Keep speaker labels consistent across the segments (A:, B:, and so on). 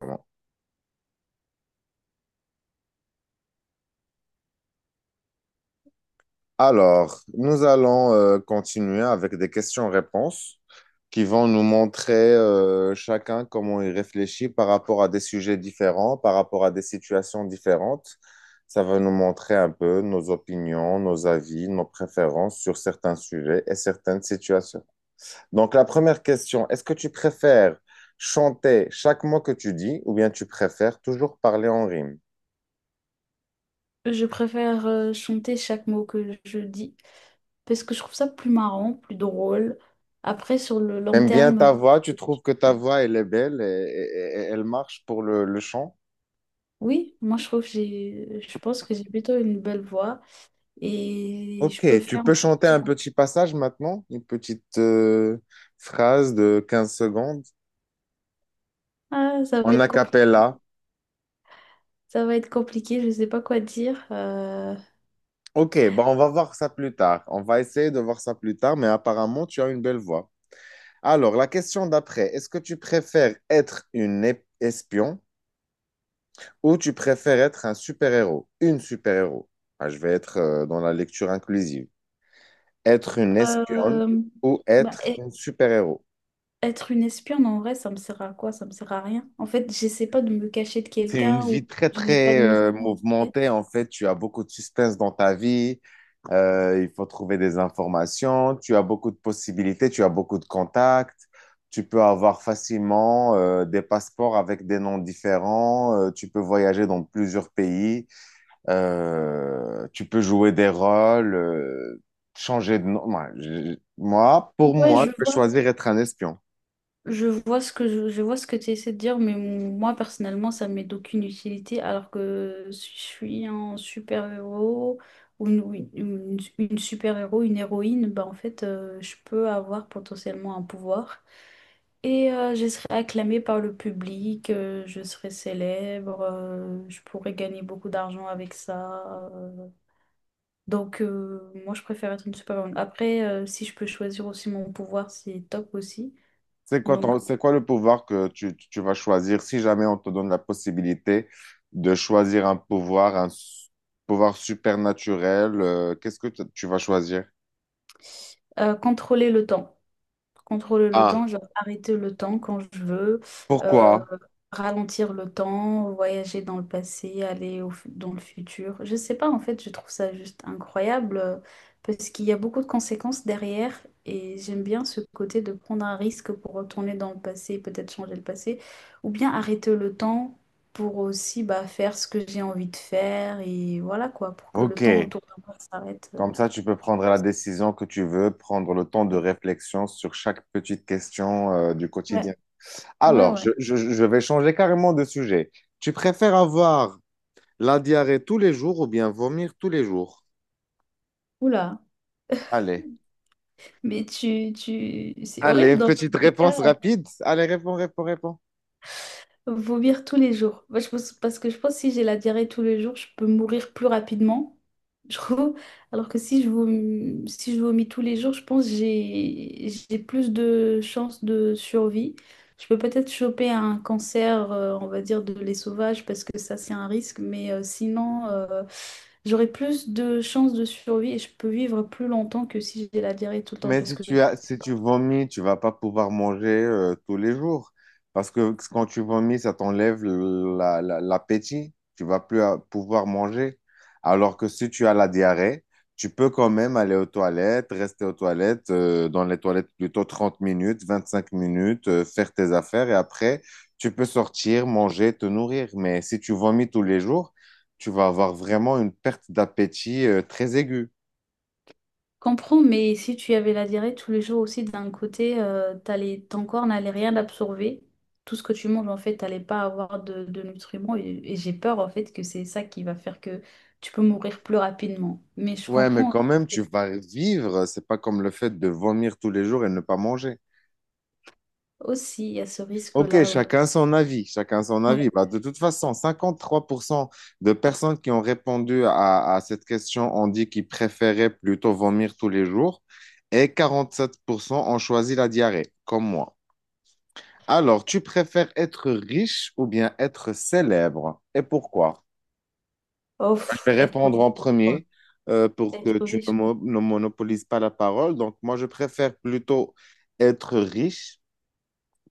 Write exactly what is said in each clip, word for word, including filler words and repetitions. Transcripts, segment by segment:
A: Bon. Alors, nous allons euh, continuer avec des questions-réponses qui vont nous montrer euh, chacun comment il réfléchit par rapport à des sujets différents, par rapport à des situations différentes. Ça va nous montrer un peu nos opinions, nos avis, nos préférences sur certains sujets et certaines situations. Donc, la première question, est-ce que tu préfères chanter chaque mot que tu dis ou bien tu préfères toujours parler en rime?
B: Je préfère euh, chanter chaque mot que je dis parce que je trouve ça plus marrant, plus drôle. Après, sur le long
A: T'aimes bien
B: terme,
A: ta voix, tu trouves que ta voix, elle est belle et, et- et elle marche pour le, le chant.
B: oui, moi je trouve que j'ai, je pense que j'ai plutôt une belle voix et je
A: Ok,
B: peux le
A: tu
B: faire.
A: peux chanter un petit passage maintenant, une petite euh, phrase de quinze secondes
B: Ah, ça va
A: en
B: être
A: a
B: compliqué.
A: cappella.
B: Ça va être compliqué. Je sais pas quoi dire. Euh,
A: Ok, bon, on va voir ça plus tard. On va essayer de voir ça plus tard, mais apparemment, tu as une belle voix. Alors, la question d'après, est-ce que tu préfères être une ép- espion ou tu préfères être un super-héros? Une super-héros. Ah, je vais être euh, dans la lecture inclusive. Être une espionne
B: euh,
A: ou
B: bah,
A: être
B: e-
A: un super-héros.
B: Être une espionne en vrai, ça me sert à quoi? Ça me sert à rien. En fait, j'essaie pas de me cacher de
A: C'est une
B: quelqu'un ou
A: vie très,
B: je n'ai pas
A: très
B: de mission.
A: euh,
B: En vrai.
A: mouvementée, en fait. Tu as beaucoup de suspense dans ta vie. Euh, il faut trouver des informations. Tu as beaucoup de possibilités. Tu as beaucoup de contacts. Tu peux avoir facilement euh, des passeports avec des noms différents. Euh, tu peux voyager dans plusieurs pays. Euh, tu peux jouer des rôles, euh, changer de nom. Moi, je- moi, pour
B: Ouais,
A: moi,
B: je
A: je peux
B: vois.
A: choisir être un espion.
B: Je vois ce que je, je vois ce que tu essaies de dire, mais moi personnellement, ça m'est d'aucune utilité, alors que si je suis un super-héros ou une, ou une- une super-héros, une héroïne, bah en fait, euh, je peux avoir potentiellement un pouvoir. Et euh, je serai acclamée par le public, euh, je serai célèbre, euh, je pourrais gagner beaucoup d'argent avec ça. euh. Donc euh, moi, je préfère être une super-héroïne. Après, euh, si je peux choisir aussi mon pouvoir, c'est top aussi.
A: C'est quoi
B: Donc,
A: ton- c'est quoi le pouvoir que tu, tu vas choisir si jamais on te donne la possibilité de choisir un pouvoir, un s- pouvoir supernaturel, euh, qu'est-ce que t- tu vas choisir?
B: Euh, contrôler le temps. Contrôler le
A: Ah,
B: temps, genre arrêter le temps quand je veux, euh,
A: pourquoi?
B: ralentir le temps, voyager dans le passé, aller au fu- dans le futur. Je sais pas, en fait, je trouve ça juste incroyable euh, parce qu'il y a beaucoup de conséquences derrière et j'aime bien ce côté de prendre un risque pour retourner dans le passé, peut-être changer le passé, ou bien arrêter le temps pour aussi bah, faire ce que j'ai envie de faire et voilà quoi, pour que
A: Ok.
B: le temps autour de moi s'arrête. euh,
A: Comme ça, tu peux prendre la décision que tu veux, prendre le temps de réflexion sur chaque petite question, euh, du quotidien.
B: Ouais, ouais,
A: Alors, je,
B: ouais.
A: je- je vais changer carrément de sujet. Tu préfères avoir la diarrhée tous les jours ou bien vomir tous les jours?
B: Oula,
A: Allez.
B: mais tu, tu... c'est
A: Allez,
B: horrible
A: une
B: dans les
A: petite
B: deux cas,
A: réponse rapide. Allez, réponds, réponds, réponds.
B: vomir tous les jours. Moi, je pense, parce que je pense que si j'ai la diarrhée tous les jours, je peux mourir plus rapidement. Je trouve. Alors que si je vomis, si je vomis tous les jours, je pense que j'ai j'ai plus de chances de survie. Je peux peut-être choper un cancer, euh, on va dire, de l'œsophage parce que ça, c'est un risque. Mais euh, sinon, euh, j'aurai plus de chances de survie et je peux vivre plus longtemps que si j'ai la diarrhée tout le temps
A: Mais
B: parce
A: si
B: que
A: tu as, si tu vomis, tu vas pas pouvoir manger euh, tous les jours. Parce que quand tu vomis, ça t'enlève la- la- l'appétit. Tu vas plus euh, pouvoir manger. Alors que si tu as la diarrhée, tu peux quand même aller aux toilettes, rester aux toilettes, euh, dans les toilettes plutôt trente minutes, vingt-cinq minutes, euh, faire tes affaires et après, tu peux sortir, manger, te nourrir. Mais si tu vomis tous les jours, tu vas avoir vraiment une perte d'appétit euh, très aiguë.
B: Comprends, mais si tu avais la diarrhée tous les jours aussi, d'un côté, euh, t'allais- ton corps n'allait rien absorber. Tout ce que tu manges, en fait, t'allais pas avoir de, de nutriments. Et, et j'ai peur, en fait, que c'est ça qui va faire que tu peux mourir plus rapidement. Mais je
A: Ouais, mais
B: comprends
A: quand même, tu vas vivre. C'est pas comme le fait de vomir tous les jours et ne pas manger.
B: aussi, il y a ce
A: Ok,
B: risque-là aussi.
A: chacun son avis, chacun son avis.
B: Ouais.
A: Bah, de toute façon, cinquante-trois pour cent de personnes qui ont répondu à, à cette question ont dit qu'ils préféraient plutôt vomir tous les jours et quarante-sept pour cent ont choisi la diarrhée, comme moi. Alors, tu préfères être riche ou bien être célèbre? Et pourquoi?
B: Oh,
A: Je
B: pff,
A: vais
B: être,
A: répondre
B: riche,
A: en premier euh, pour
B: Être
A: que tu ne,
B: riche, quoi.
A: mo- ne monopolises pas la parole. Donc, moi, je préfère plutôt être riche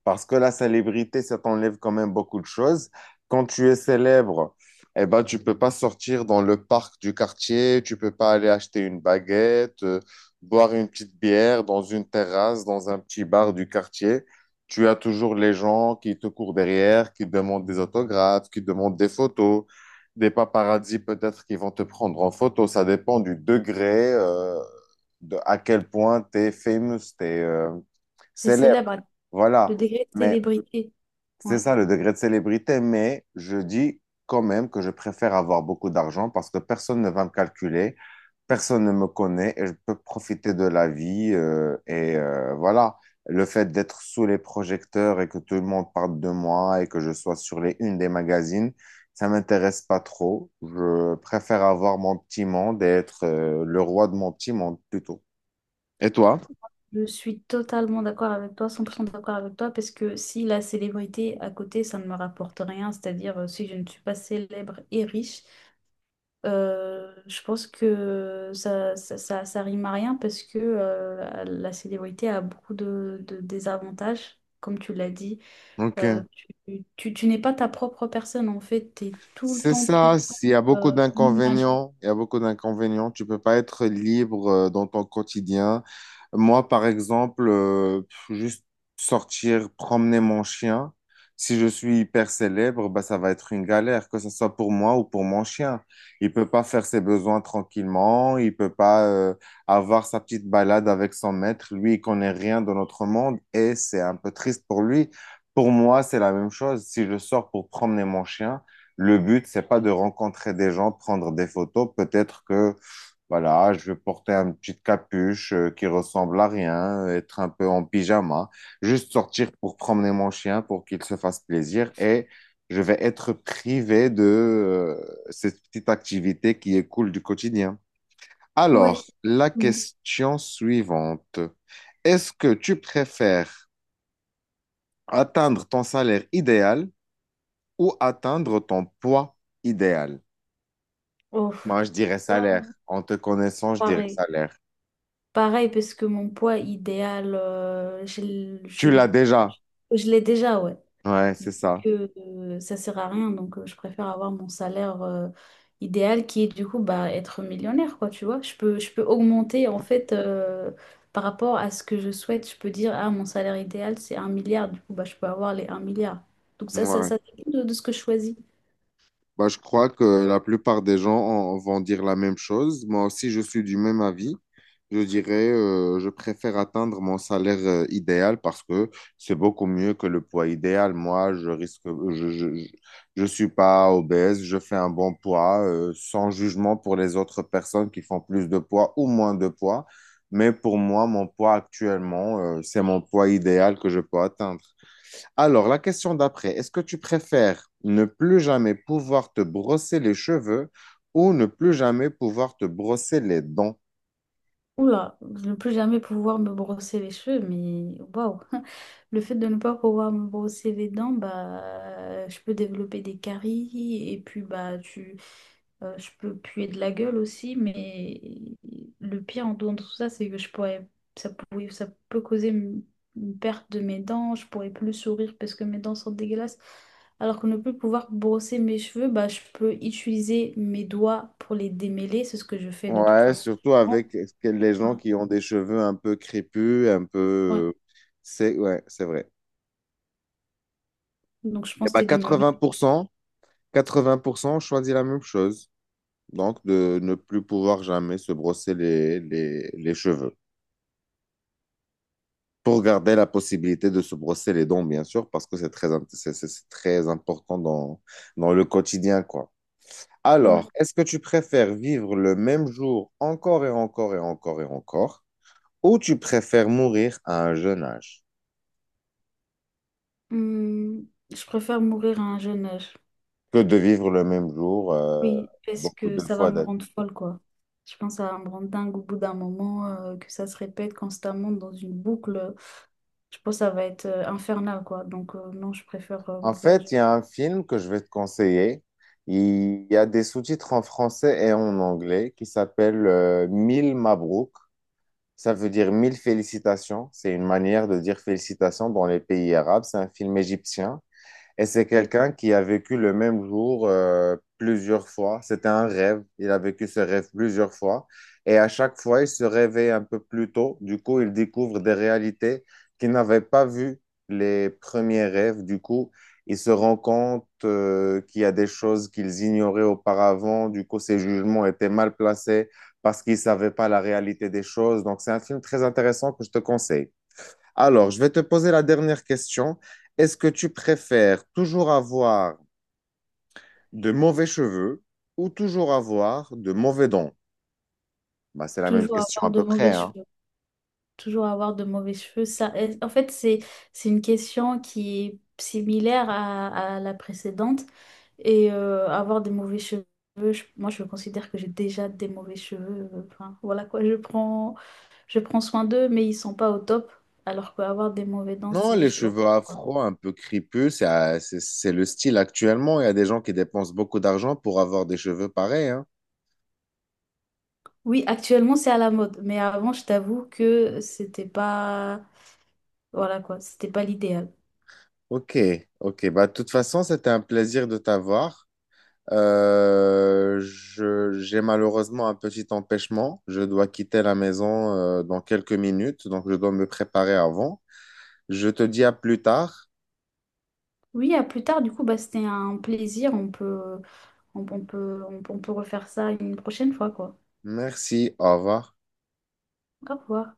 A: parce que la célébrité, ça t'enlève quand même beaucoup de choses. Quand tu es célèbre, eh ben, tu peux pas sortir dans le parc du quartier, tu peux pas aller acheter une baguette, euh, boire une petite bière dans une terrasse, dans un petit bar du quartier. Tu as toujours les gens qui te courent derrière, qui demandent des autographes, qui demandent des photos, des paparazzis peut-être qui vont te prendre en photo. Ça dépend du degré, euh, de à quel point tu es famous, tu es
B: C'est
A: célèbre.
B: célèbre, hein, le
A: Voilà.
B: degré de
A: Mais
B: célébrité.
A: c'est
B: Ouais.
A: ça le degré de célébrité, mais je dis quand même que je préfère avoir beaucoup d'argent parce que personne ne va me calculer, personne ne me connaît et je peux profiter de la vie. euh, et euh, voilà, le fait d'être sous les projecteurs et que tout le monde parle de moi et que je sois sur les unes des magazines, ça m'intéresse pas trop. Je préfère avoir mon petit monde et être euh, le roi de mon petit monde plutôt. Et toi?
B: Je suis totalement d'accord avec toi, cent pour cent d'accord avec toi, parce que si la célébrité à côté, ça ne me rapporte rien, c'est-à-dire euh, si je ne suis pas célèbre et riche, euh, je pense que ça, ça, ça, ça rime à rien parce que euh, la célébrité a beaucoup de, de désavantages, comme tu l'as dit. Euh,
A: Ok.
B: tu, tu, tu n'es pas ta propre personne, en fait, tu es tout le
A: C'est
B: temps, tout
A: ça,
B: le temps,
A: il y a beaucoup
B: euh, une image.
A: d'inconvénients, il y a beaucoup d'inconvénients, tu peux pas être libre euh, dans ton quotidien. Moi, par exemple, euh, pff, juste sortir, promener mon chien, si je suis hyper célèbre, bah, ça va être une galère, que ce soit pour moi ou pour mon chien. Il peut pas faire ses besoins tranquillement, il peut pas euh, avoir sa petite balade avec son maître. Lui, il connaît rien de notre monde et c'est un peu triste pour lui. Pour moi, c'est la même chose. Si je sors pour promener mon chien, le but, c'est pas de rencontrer des gens, de prendre des photos. Peut-être que, voilà, je vais porter une petite capuche euh, qui ressemble à rien, être un peu en pyjama, juste sortir pour promener mon chien pour qu'il se fasse plaisir et je vais être privé de euh, cette petite activité qui est cool du quotidien. Alors,
B: Ouais.
A: la question suivante. Est-ce que tu préfères atteindre ton salaire idéal ou atteindre ton poids idéal?
B: Oh,
A: Moi, je dirais
B: là,
A: salaire. En te connaissant, je dirais
B: pareil.
A: salaire.
B: Pareil, parce que mon poids idéal, euh, je, l- je,
A: Tu
B: l-
A: l'as déjà.
B: je l'ai déjà, ouais.
A: Ouais,
B: Donc,
A: c'est ça.
B: euh, ça sert à rien. Donc, euh, je préfère avoir mon salaire, euh, idéal qui est du coup bah, être millionnaire, quoi, tu vois. Je peux, je peux augmenter, en fait, euh, par rapport à ce que je souhaite. Je peux dire, ah, mon salaire idéal, c'est un milliard. Du coup, bah, je peux avoir les un milliard. Donc, ça, ça,
A: Ouais.
B: ça dépend de, de ce que je choisis.
A: Bah, je crois que la plupart des gens en- vont dire la même chose. Moi aussi, je suis du même avis. Je dirais, euh, je préfère atteindre mon salaire euh, idéal parce que c'est beaucoup mieux que le poids idéal. Moi, je risque, je, je, je je suis pas obèse, je fais un bon poids, euh, sans jugement pour les autres personnes qui font plus de poids ou moins de poids. Mais pour moi, mon poids actuellement, euh, c'est mon poids idéal que je peux atteindre. Alors, la question d'après, est-ce que tu préfères ne plus jamais pouvoir te brosser les cheveux ou ne plus jamais pouvoir te brosser les dents?
B: Oula, de ne plus jamais pouvoir me brosser les cheveux, mais waouh! Le fait de ne pas pouvoir me brosser les dents, bah, je peux développer des caries et puis bah, tu, euh, je peux puer de la gueule aussi, mais le pire en dehors de tout ça, c'est que je pourrais, ça pourrait, ça peut causer une, une perte de mes dents, je pourrais plus sourire parce que mes dents sont dégueulasses. Alors que ne plus pouvoir brosser mes cheveux, bah, je peux utiliser mes doigts pour les démêler, c'est ce que je fais de toute
A: Ouais,
B: façon.
A: surtout avec ce que- les gens qui ont des cheveux un peu crépus, un
B: Ouais.
A: peu... C'est ouais, c'est vrai.
B: Donc je
A: Et
B: pense que
A: bah
B: t'es du même avis.
A: quatre-vingts pour cent quatre-vingts pour cent choisit la même chose. Donc, de ne plus pouvoir jamais se brosser les, les les cheveux, pour garder la possibilité de se brosser les dents, bien sûr, parce que c'est très, int- c'est, c'est- c'est très important dans, dans le quotidien, quoi.
B: Ouais.
A: Alors, est-ce que tu préfères vivre le même jour encore et encore et encore et encore, ou tu préfères mourir à un jeune âge
B: Hum, je préfère mourir à un jeune âge.
A: que de vivre le même jour euh,
B: Oui, parce
A: beaucoup
B: que
A: de
B: ça va
A: fois
B: me
A: d'être-
B: rendre folle, quoi. Je pense que ça va me rendre dingue au bout d'un moment, euh, que ça se répète constamment dans une boucle. Je pense que ça va être euh, infernal, quoi. Donc euh, non, je préfère euh,
A: En
B: mourir.
A: fait, il y a un film que je vais te conseiller. Il y a des sous-titres en français et en anglais qui s'appelle euh, Mille Mabrouk. Ça veut dire mille félicitations. C'est une manière de dire félicitations dans les pays arabes. C'est un film égyptien. Et c'est
B: Oui,
A: quelqu'un qui a vécu le même jour euh, plusieurs fois. C'était un rêve. Il a vécu ce rêve plusieurs fois. Et à chaque fois, il se réveille un peu plus tôt. Du coup, il découvre des réalités qu'il n'avait pas vues les premiers rêves. Du coup, il se rend compte euh, qu'il y a des choses qu'ils ignoraient auparavant. Du coup, ses jugements étaient mal placés parce qu'ils ne savaient pas la réalité des choses. Donc, c'est un film très intéressant que je te conseille. Alors, je vais te poser la dernière question. Est-ce que tu préfères toujours avoir de mauvais cheveux ou toujours avoir de mauvais dents? Bah, c'est la même
B: toujours
A: question
B: avoir
A: à
B: de
A: peu près,
B: mauvais
A: hein.
B: cheveux. Toujours avoir de mauvais cheveux. Ça, est- en fait, c'est, c'est une question qui est similaire à, à la précédente. Et euh, avoir des mauvais cheveux, je- moi, je considère que j'ai déjà des mauvais cheveux. euh, Enfin, voilà quoi, je prends, je prends soin d'eux, mais ils sont pas au top. Alors qu'avoir des mauvais dents,
A: Non,
B: c'est
A: les
B: juste horrible,
A: cheveux
B: quoi.
A: afro, un peu crépus, c'est euh, c'est- c'est le style actuellement. Il y a des gens qui dépensent beaucoup d'argent pour avoir des cheveux pareils, hein.
B: Oui, actuellement, c'est à la mode. Mais avant, je t'avoue que c'était pas. Voilà quoi, c'était pas l'idéal.
A: Ok, ok. Bah, de toute façon, c'était un plaisir de t'avoir. Euh, je- j'ai malheureusement un petit empêchement. Je dois quitter la maison euh, dans quelques minutes, donc je dois me préparer avant. Je te dis à plus tard.
B: Oui, à plus tard, du coup, bah, c'était un plaisir. On peut. On, on peut, on, on peut refaire ça une prochaine fois, quoi.
A: Merci, au revoir.
B: Au revoir.